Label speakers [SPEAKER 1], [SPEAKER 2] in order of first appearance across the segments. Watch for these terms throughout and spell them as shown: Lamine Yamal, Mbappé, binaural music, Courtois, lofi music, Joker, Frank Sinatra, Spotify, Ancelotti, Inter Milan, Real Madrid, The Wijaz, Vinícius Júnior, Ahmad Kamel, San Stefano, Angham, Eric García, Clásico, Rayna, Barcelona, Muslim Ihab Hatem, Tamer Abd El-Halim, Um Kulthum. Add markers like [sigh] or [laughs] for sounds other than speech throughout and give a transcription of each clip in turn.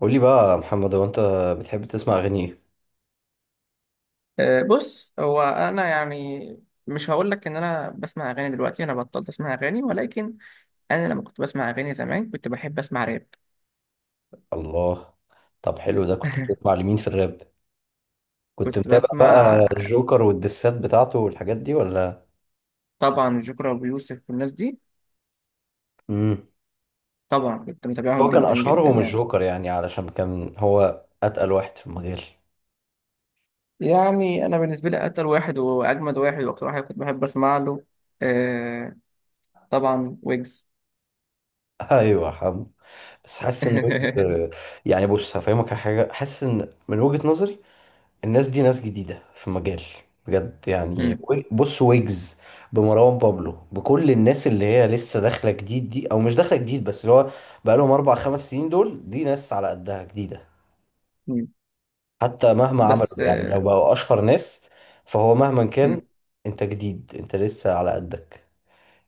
[SPEAKER 1] قولي بقى يا محمد، هو انت بتحب تسمع اغاني ايه؟
[SPEAKER 2] أه، بص هو انا يعني مش هقول لك ان انا بسمع اغاني دلوقتي. انا بطلت اسمع اغاني، ولكن انا لما كنت بسمع اغاني زمان كنت بحب اسمع راب.
[SPEAKER 1] الله. طب حلو، ده كنت بتسمع
[SPEAKER 2] [laughs]
[SPEAKER 1] لمين في الراب؟ كنت
[SPEAKER 2] كنت
[SPEAKER 1] متابع
[SPEAKER 2] بسمع
[SPEAKER 1] بقى الجوكر والدسات بتاعته والحاجات دي ولا؟
[SPEAKER 2] طبعا جوكر وابو يوسف والناس دي.
[SPEAKER 1] امم
[SPEAKER 2] طبعا كنت متابعهم
[SPEAKER 1] هو كان
[SPEAKER 2] جدا جدا،
[SPEAKER 1] اشهرهم
[SPEAKER 2] يعني.
[SPEAKER 1] الجوكر يعني علشان كان هو اتقل واحد في المجال.
[SPEAKER 2] يعني انا بالنسبه لي اتقل واحد واجمد واحد واكتر واحد كنت بحب اسمع له. أه، طبعا ويجز.
[SPEAKER 1] [laughs] ايوه يا حمو، بس حاسس ان ويجز
[SPEAKER 2] [laughs]
[SPEAKER 1] يعني. بص هفهمك على حاجه، حاسس ان من وجهه نظري الناس دي ناس جديدة في مجال، بجد يعني.
[SPEAKER 2] مم،
[SPEAKER 1] بص، ويجز، بمروان بابلو، بكل الناس اللي هي لسه داخلة جديد دي، أو مش داخلة جديد بس اللي هو بقالهم أربع خمس سنين. دول دي ناس على قدها جديدة،
[SPEAKER 2] مم.
[SPEAKER 1] حتى مهما
[SPEAKER 2] بس
[SPEAKER 1] عملوا يعني، لو
[SPEAKER 2] أه،
[SPEAKER 1] بقوا أشهر ناس، فهو مهما كان
[SPEAKER 2] مم.
[SPEAKER 1] أنت جديد، أنت لسه على قدك.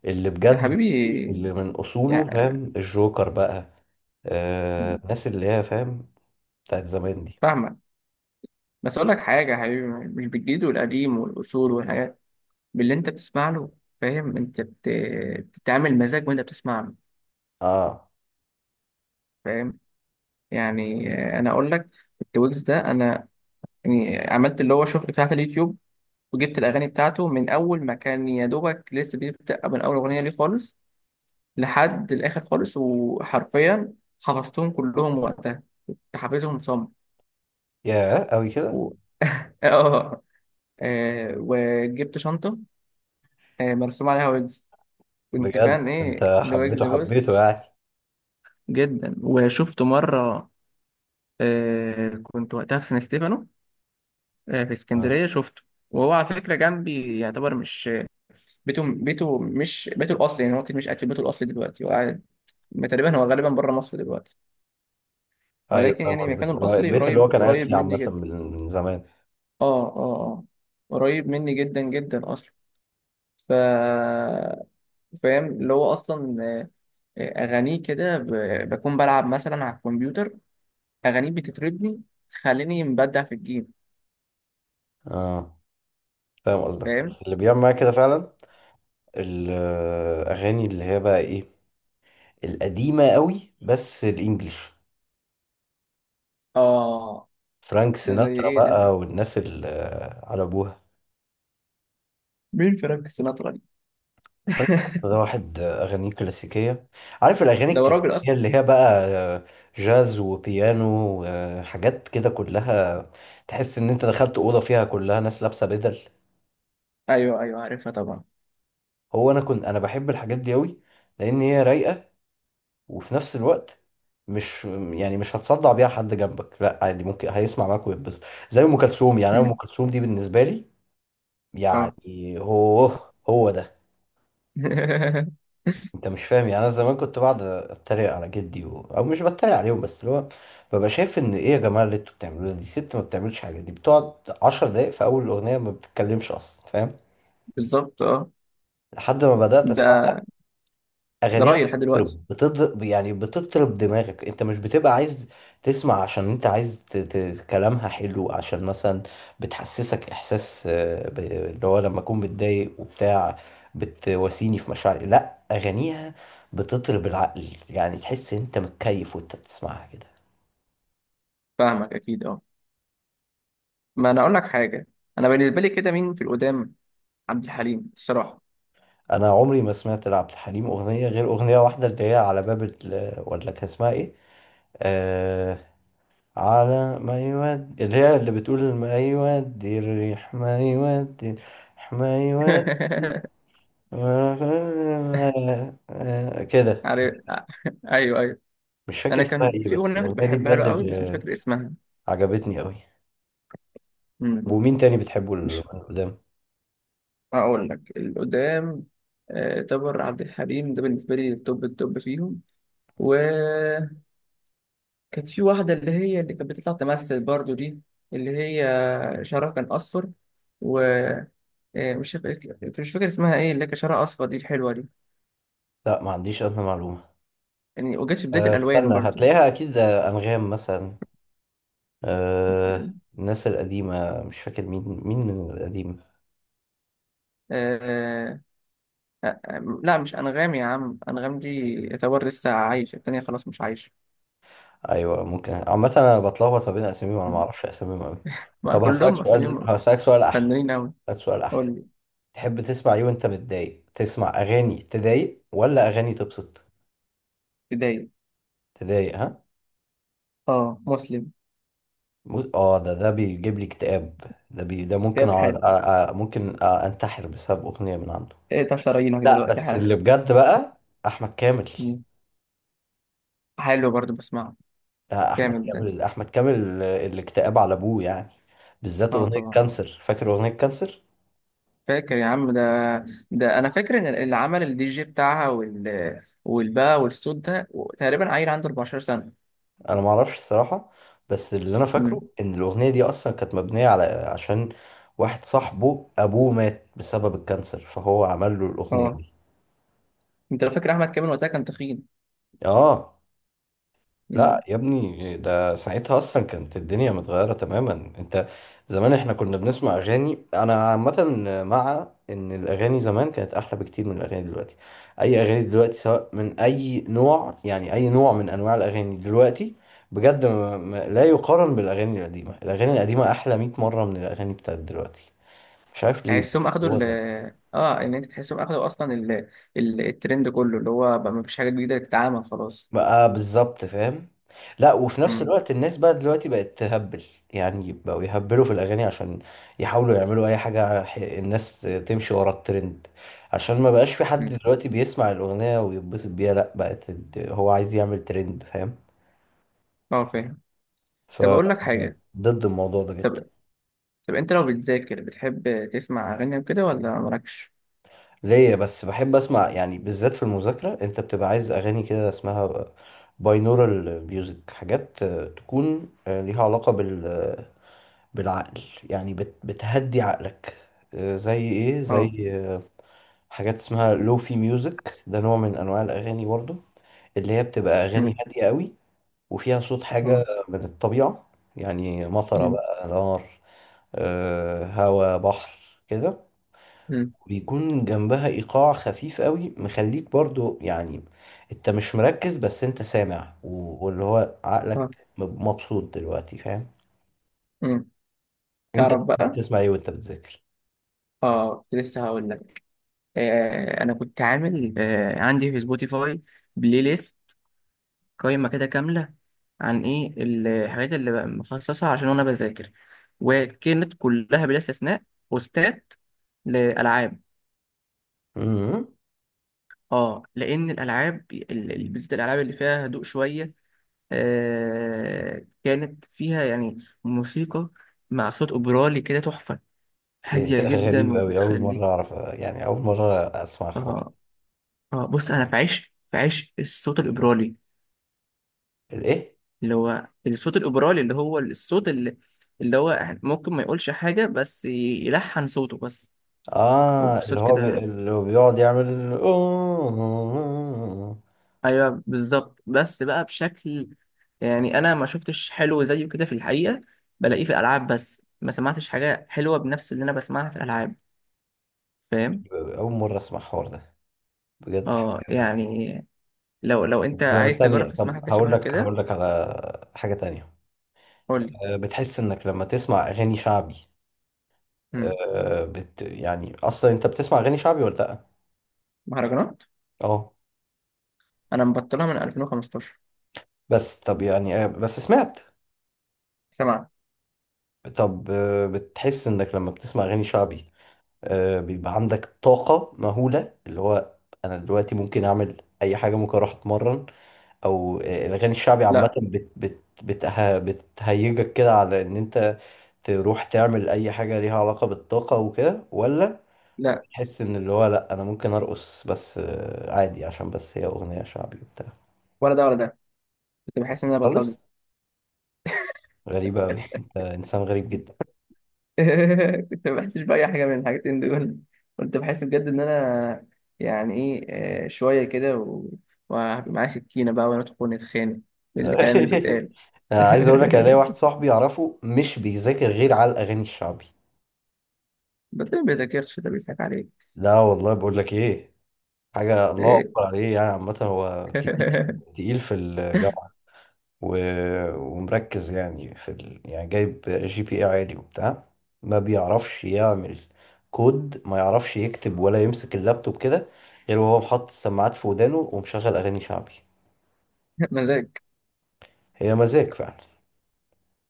[SPEAKER 1] اللي
[SPEAKER 2] يا
[SPEAKER 1] بجد،
[SPEAKER 2] حبيبي.
[SPEAKER 1] اللي من أصوله
[SPEAKER 2] يعني
[SPEAKER 1] فاهم الجوكر بقى، آه، الناس اللي هي فاهم بتاعت زمان دي.
[SPEAKER 2] فاهمك، بس اقول لك حاجه يا حبيبي، مش بالجديد والقديم والاصول والحاجات، باللي انت بتسمع له. فاهم؟ انت بتتعامل مزاج وانت بتسمع له.
[SPEAKER 1] اه،
[SPEAKER 2] فاهم؟ يعني آه، انا اقول لك، التويجز ده انا يعني عملت اللي هو شغل بتاعت اليوتيوب، وجبت الاغاني بتاعته من اول ما كان يا دوبك لسه بيبدا، من اول اغنيه ليه خالص لحد الاخر خالص، وحرفيا حفظتهم كلهم وقتها، حافظهم صم
[SPEAKER 1] يا أوي كده.
[SPEAKER 2] و... [laughs] اه. آه، وجبت شنطه آه، مرسوم عليها ويجز. كنت
[SPEAKER 1] بجد
[SPEAKER 2] فان
[SPEAKER 1] انت
[SPEAKER 2] ايه ذا
[SPEAKER 1] حبيته
[SPEAKER 2] ويجز،
[SPEAKER 1] حبيته
[SPEAKER 2] بص.
[SPEAKER 1] يعني.
[SPEAKER 2] جدا، وشفته مرة. آه، كنت وقتها في سان ستيفانو، آه، في
[SPEAKER 1] اه،
[SPEAKER 2] اسكندرية شفته. وهو على فكرة جنبي، يعتبر مش بيته، بيته مش بيته الأصلي. يعني هو كده مش قاعد في بيته الأصلي دلوقتي، وقاعد تقريبا هو غالبا بره مصر دلوقتي،
[SPEAKER 1] ايوه
[SPEAKER 2] ولكن
[SPEAKER 1] فاهم
[SPEAKER 2] يعني مكانه
[SPEAKER 1] قصدك، اللي هو
[SPEAKER 2] الأصلي
[SPEAKER 1] البيت اللي هو
[SPEAKER 2] قريب
[SPEAKER 1] كان قاعد
[SPEAKER 2] قريب
[SPEAKER 1] فيه
[SPEAKER 2] مني
[SPEAKER 1] عامة
[SPEAKER 2] جدا.
[SPEAKER 1] من زمان.
[SPEAKER 2] اه اه. اه، قريب مني جدا جدا أصلا. ف فاهم اللي هو أصلا أغانيه كده بكون بلعب مثلا على الكمبيوتر، أغانيه بتطربني، تخليني مبدع في الجيم.
[SPEAKER 1] اه فاهم قصدك،
[SPEAKER 2] فاهم؟
[SPEAKER 1] بس اللي بيعمل معايا كده فعلا الأغاني اللي هي بقى ايه، القديمة قوي بس الإنجليش.
[SPEAKER 2] آه.
[SPEAKER 1] فرانك
[SPEAKER 2] ده زي
[SPEAKER 1] سيناترا
[SPEAKER 2] إيه ده؟
[SPEAKER 1] بقى والناس اللي على أبوها.
[SPEAKER 2] مين فرانك سيناترا دي؟
[SPEAKER 1] فرانك سيناترا
[SPEAKER 2] [laughs]
[SPEAKER 1] ده واحد أغانيه كلاسيكية، عارف الأغاني
[SPEAKER 2] ده هو راجل
[SPEAKER 1] الكلاسيكية
[SPEAKER 2] أصلا.
[SPEAKER 1] اللي هي بقى جاز وبيانو وحاجات كده كلها، تحس إن أنت دخلت أوضة فيها كلها ناس لابسة بدل.
[SPEAKER 2] أيوه أيوه، عارفها طبعا.
[SPEAKER 1] هو انا كنت بحب الحاجات دي قوي، لان هي رايقه، وفي نفس الوقت مش يعني مش هتصدع بيها حد جنبك، لا عادي، ممكن هيسمع معاك ويتبسط. زي ام كلثوم، يعني انا ام
[SPEAKER 2] أمم،
[SPEAKER 1] كلثوم دي بالنسبه لي يعني،
[SPEAKER 2] آه.
[SPEAKER 1] هو هو ده.
[SPEAKER 2] [laughs]
[SPEAKER 1] انت مش فاهم يعني، انا زمان كنت بقعد اتريق على جدي او مش بتريق عليهم، بس اللي هو ببقى شايف ان ايه يا جماعه اللي انتوا بتعملوه ده؟ دي ست ما بتعملش حاجه، دي بتقعد 10 دقايق في اول الاغنيه ما بتتكلمش اصلا، فاهم؟
[SPEAKER 2] بالظبط آه.
[SPEAKER 1] لحد ما بدات اسمع
[SPEAKER 2] ده ده
[SPEAKER 1] اغانيها،
[SPEAKER 2] رأيي لحد دلوقتي.
[SPEAKER 1] بتطرب، بتضرب يعني، بتطرب دماغك. انت مش بتبقى عايز تسمع عشان انت عايز كلامها حلو، عشان مثلا بتحسسك احساس اللي هو لما اكون متضايق وبتاع بتواسيني في مشاعري. لا، اغانيها بتطرب العقل، يعني تحس انت متكيف وانت بتسمعها كده.
[SPEAKER 2] فاهمك أكيد آه. ما أنا أقول لك حاجة، أنا بالنسبة لي كده مين في القدام؟ عبد الحليم الصراحة.
[SPEAKER 1] انا عمري ما سمعت لعبد الحليم اغنيه غير اغنيه واحده، اللي هي على باب ولا كان اسمها ايه، آه... على ما يودي، اللي هي اللي بتقول ما يودي الريح، ما يودي الريح، ما يودي
[SPEAKER 2] [laughs]
[SPEAKER 1] كده.
[SPEAKER 2] عارف. أيوه أيوه.
[SPEAKER 1] مش فاكر
[SPEAKER 2] أنا
[SPEAKER 1] اسمها
[SPEAKER 2] كان
[SPEAKER 1] ايه،
[SPEAKER 2] في
[SPEAKER 1] بس
[SPEAKER 2] أغنية كنت
[SPEAKER 1] الأغنية دي
[SPEAKER 2] بحبها
[SPEAKER 1] بجد
[SPEAKER 2] له قوي بس مش
[SPEAKER 1] اللي
[SPEAKER 2] فاكر اسمها.
[SPEAKER 1] عجبتني قوي.
[SPEAKER 2] أمم.
[SPEAKER 1] ومين تاني بتحبه
[SPEAKER 2] مش.
[SPEAKER 1] القدام؟
[SPEAKER 2] هقول لك القدام. آه، تامر عبد الحليم ده بالنسبة لي التوب التوب فيهم. وكانت في واحدة اللي هي اللي كانت بتطلع تمثل برضو دي، اللي هي شعرها كان أصفر. ومش فاكر مش فاكر اسمها ايه، اللي كان شعرها أصفر دي، الحلوة دي.
[SPEAKER 1] لا ما عنديش أدنى معلومة.
[SPEAKER 2] يعني وجت في بداية
[SPEAKER 1] أه،
[SPEAKER 2] الألوان
[SPEAKER 1] استنى
[SPEAKER 2] برضو.
[SPEAKER 1] هتلاقيها أكيد، آه، أنغام مثلا، أه، الناس القديمة، مش فاكر مين مين من القديم.
[SPEAKER 2] آه، لا، مش أنغام يا عم. أنغام دي يعتبر لسه عايشة. التانية خلاص مش عايشة.
[SPEAKER 1] أيوة ممكن، عامة أنا بتلخبط ما بين أساميهم، أنا ما أعرفش
[SPEAKER 2] [laughs]
[SPEAKER 1] أساميهم أوي.
[SPEAKER 2] ما
[SPEAKER 1] طب هسألك
[SPEAKER 2] كلهم
[SPEAKER 1] سؤال
[SPEAKER 2] أساميهم
[SPEAKER 1] هسألك سؤال أحلى.
[SPEAKER 2] فنانين أوي.
[SPEAKER 1] طب سؤال أحلى،
[SPEAKER 2] قول لي.
[SPEAKER 1] تحب تسمع إيه وأنت متضايق؟ تسمع أغاني تضايق ولا أغاني تبسط؟
[SPEAKER 2] بداية
[SPEAKER 1] تضايق ها.
[SPEAKER 2] اه مسلم،
[SPEAKER 1] آه، ده بيجيب لي اكتئاب، ده ممكن
[SPEAKER 2] إيهاب حاتم.
[SPEAKER 1] ممكن أنتحر بسبب أغنية من عنده.
[SPEAKER 2] 19 راينه
[SPEAKER 1] لا
[SPEAKER 2] دلوقتي
[SPEAKER 1] بس
[SPEAKER 2] حالا.
[SPEAKER 1] اللي بجد بقى أحمد كامل.
[SPEAKER 2] مم. حلو برضو، بسمعه.
[SPEAKER 1] لا، أحمد
[SPEAKER 2] جامد ده.
[SPEAKER 1] كامل، أحمد كامل آه، الاكتئاب على أبوه يعني، بالذات
[SPEAKER 2] اه
[SPEAKER 1] أغنية
[SPEAKER 2] طبعا.
[SPEAKER 1] كانسر، فاكر أغنية كانسر؟
[SPEAKER 2] فاكر يا عم ده. ده انا فاكر ان اللي عمل الدي جي بتاعها وال والبا والصوت ده تقريبا عيل عنده 14 سنه.
[SPEAKER 1] انا ما اعرفش الصراحه، بس اللي انا فاكره
[SPEAKER 2] امم.
[SPEAKER 1] ان الاغنيه دي اصلا كانت مبنيه على عشان واحد صاحبه ابوه مات بسبب الكانسر، فهو عمل له الاغنيه
[SPEAKER 2] اه،
[SPEAKER 1] دي.
[SPEAKER 2] انت لو فاكر احمد كامل وقتها كان تخين.
[SPEAKER 1] اه. لا
[SPEAKER 2] امم.
[SPEAKER 1] يا ابني، ده ساعتها اصلا كانت الدنيا متغيره تماما. انت زمان احنا كنا بنسمع اغاني انا عامه، مع ان الاغاني زمان كانت احلى بكتير من الاغاني دلوقتي. اي اغاني دلوقتي سواء من اي نوع، يعني اي نوع من انواع الاغاني دلوقتي بجد لا يقارن بالاغاني القديمه. الاغاني القديمه احلى 100 مره من الاغاني بتاعت دلوقتي، مش عارف ليه، بس
[SPEAKER 2] تحسهم اخدوا
[SPEAKER 1] هو
[SPEAKER 2] ال...
[SPEAKER 1] ده.
[SPEAKER 2] اه، ان انت تحسهم اخدوا اصلا ال... ال... الترند كله، اللي هو بقى مفيش حاجه جديده تتعمل خلاص.
[SPEAKER 1] بقى بالظبط، فاهم. لا، وفي نفس
[SPEAKER 2] امم.
[SPEAKER 1] الوقت الناس بقى دلوقتي بقت تهبل، يعني بقوا يهبلوا في الأغاني عشان يحاولوا يعملوا أي حاجة، الناس تمشي ورا الترند، عشان ما بقاش في حد
[SPEAKER 2] امم.
[SPEAKER 1] دلوقتي بيسمع الأغنية ويتبسط بيها، لا بقت هو عايز يعمل ترند، فاهم؟
[SPEAKER 2] اه، فاهم.
[SPEAKER 1] ف
[SPEAKER 2] طب اقول لك حاجه.
[SPEAKER 1] [laughs] ضد الموضوع ده جدا.
[SPEAKER 2] طب طب انت لو بتذاكر بتحب تسمع اغاني وكده ولا مالكش.
[SPEAKER 1] ليه بس؟ بحب أسمع يعني، بالذات في المذاكرة أنت بتبقى عايز أغاني كده، اسمها باينورال ميوزك، حاجات آه، تكون آه، ليها علاقة بالسمع، بالعقل، يعني بتهدي عقلك، آه، زي ايه،
[SPEAKER 2] اه.
[SPEAKER 1] زي آه، حاجات اسمها لوفي ميوزك، ده نوع من انواع الاغاني برضو، اللي هي بتبقى اغاني
[SPEAKER 2] مم.
[SPEAKER 1] هاديه قوي، وفيها صوت حاجه
[SPEAKER 2] اه.
[SPEAKER 1] من الطبيعه، يعني مطره
[SPEAKER 2] مم.
[SPEAKER 1] بقى، نار، آه، هوا، بحر كده.
[SPEAKER 2] مم.
[SPEAKER 1] بيكون جنبها ايقاع خفيف قوي، مخليك برضو يعني انت مش مركز، بس انت سامع واللي هو
[SPEAKER 2] اه.
[SPEAKER 1] عقلك مبسوط دلوقتي، فاهم؟
[SPEAKER 2] مم.
[SPEAKER 1] انت
[SPEAKER 2] تعرف بقى.
[SPEAKER 1] بتسمع ايه وانت بتذاكر؟
[SPEAKER 2] اه، كنت لسه هقول لك. آه، انا كنت عامل آه عندي في سبوتيفاي بلاي ليست، قائمه كده كامله، عن ايه الحاجات اللي بقى مخصصها عشان وانا بذاكر. وكانت كلها بلا استثناء بوستات لالعاب.
[SPEAKER 1] مم.
[SPEAKER 2] اه، لان الالعاب بالذات الالعاب اللي فيها هدوء شويه، آه، كانت فيها يعني موسيقى مع صوت اوبرالي كده تحفه،
[SPEAKER 1] إيه [laughs]
[SPEAKER 2] هادية
[SPEAKER 1] ده
[SPEAKER 2] جدا،
[SPEAKER 1] غريب أوي، أول مرة
[SPEAKER 2] وبتخليك.
[SPEAKER 1] أعرف يعني، أول مرة أسمع الحوار.
[SPEAKER 2] اه. اه، بص، انا في عشق، في عشق الصوت الاوبرالي.
[SPEAKER 1] الإيه؟
[SPEAKER 2] اللي هو الصوت الاوبرالي، اللي هو الصوت اللي، اللي هو ممكن ما يقولش حاجة بس يلحن صوته بس.
[SPEAKER 1] آه،
[SPEAKER 2] والصوت كده.
[SPEAKER 1] اللي هو بيقعد يعمل أوه.
[SPEAKER 2] ايوه بالظبط، بس بقى بشكل، يعني انا ما شفتش حلو زيه كده في الحقيقة، بلاقيه في الالعاب بس ما سمعتش حاجة حلوة بنفس اللي انا بسمعها في الالعاب. فاهم؟
[SPEAKER 1] أول مرة أسمع الحوار ده بجد.
[SPEAKER 2] اه، يعني لو انت
[SPEAKER 1] طب
[SPEAKER 2] عايز تجرب
[SPEAKER 1] ثانية،
[SPEAKER 2] تسمع
[SPEAKER 1] طب
[SPEAKER 2] حاجة
[SPEAKER 1] هقول
[SPEAKER 2] شبه
[SPEAKER 1] لك
[SPEAKER 2] كده.
[SPEAKER 1] هقول لك على حاجة تانية.
[SPEAKER 2] قول لي.
[SPEAKER 1] آه، بتحس إنك لما تسمع أغاني شعبي،
[SPEAKER 2] مم.
[SPEAKER 1] آه، يعني أصلا أنت بتسمع أغاني شعبي ولا لأ؟
[SPEAKER 2] مهرجانات.
[SPEAKER 1] أه.
[SPEAKER 2] انا مبطلها من 2015.
[SPEAKER 1] بس طب يعني آه، بس سمعت.
[SPEAKER 2] سمع.
[SPEAKER 1] طب آه، بتحس إنك لما بتسمع أغاني شعبي، آه، بيبقى عندك طاقة مهولة، اللي هو أنا دلوقتي ممكن أعمل أي حاجة، ممكن أروح أتمرن، أو آه، الأغاني الشعبي عامة
[SPEAKER 2] لا.
[SPEAKER 1] بت بت بتها بتهيجك كده على إن أنت تروح تعمل أي حاجة ليها علاقة بالطاقة وكده، ولا
[SPEAKER 2] لا،
[SPEAKER 1] تحس إن اللي هو لأ أنا ممكن أرقص بس، آه، عادي عشان بس هي أغنية شعبي وبتاع؟
[SPEAKER 2] ولا ده ولا ده. كنت بحس ان انا بلطجي.
[SPEAKER 1] خالص. غريبة أوي، [laughs] أنت إنسان غريب جدا.
[SPEAKER 2] [laughs] كنت ما بحسش باي حاجه من الحاجتين دول. كنت بحس بجد ان انا يعني ايه، آه، شويه كده وهبقى معايا سكينه بقى، وندخل نتخانق بالكلام اللي
[SPEAKER 1] [laughs]
[SPEAKER 2] بيتقال. [laughs]
[SPEAKER 1] أنا عايز أقول لك، أنا ليا واحد صاحبي أعرفه مش بيذاكر غير على الأغاني الشعبي.
[SPEAKER 2] ده تلاقيه ما بيذاكرش، ده بيضحك عليك.
[SPEAKER 1] لا والله، بقول لك ايه، حاجة
[SPEAKER 2] [laughs]
[SPEAKER 1] الله
[SPEAKER 2] إيه.
[SPEAKER 1] أكبر عليه، يعني عامة هو تقيل، تقيل في الجامعة، و... ومركز يعني في يعني جايب GPA عالي وبتاع، ما بيعرفش يعمل كود، ما يعرفش يكتب ولا يمسك اللابتوب كده غير وهو محط السماعات في ودانه ومشغل أغاني شعبي.
[SPEAKER 2] مزاج.
[SPEAKER 1] هي مزاج فعلا.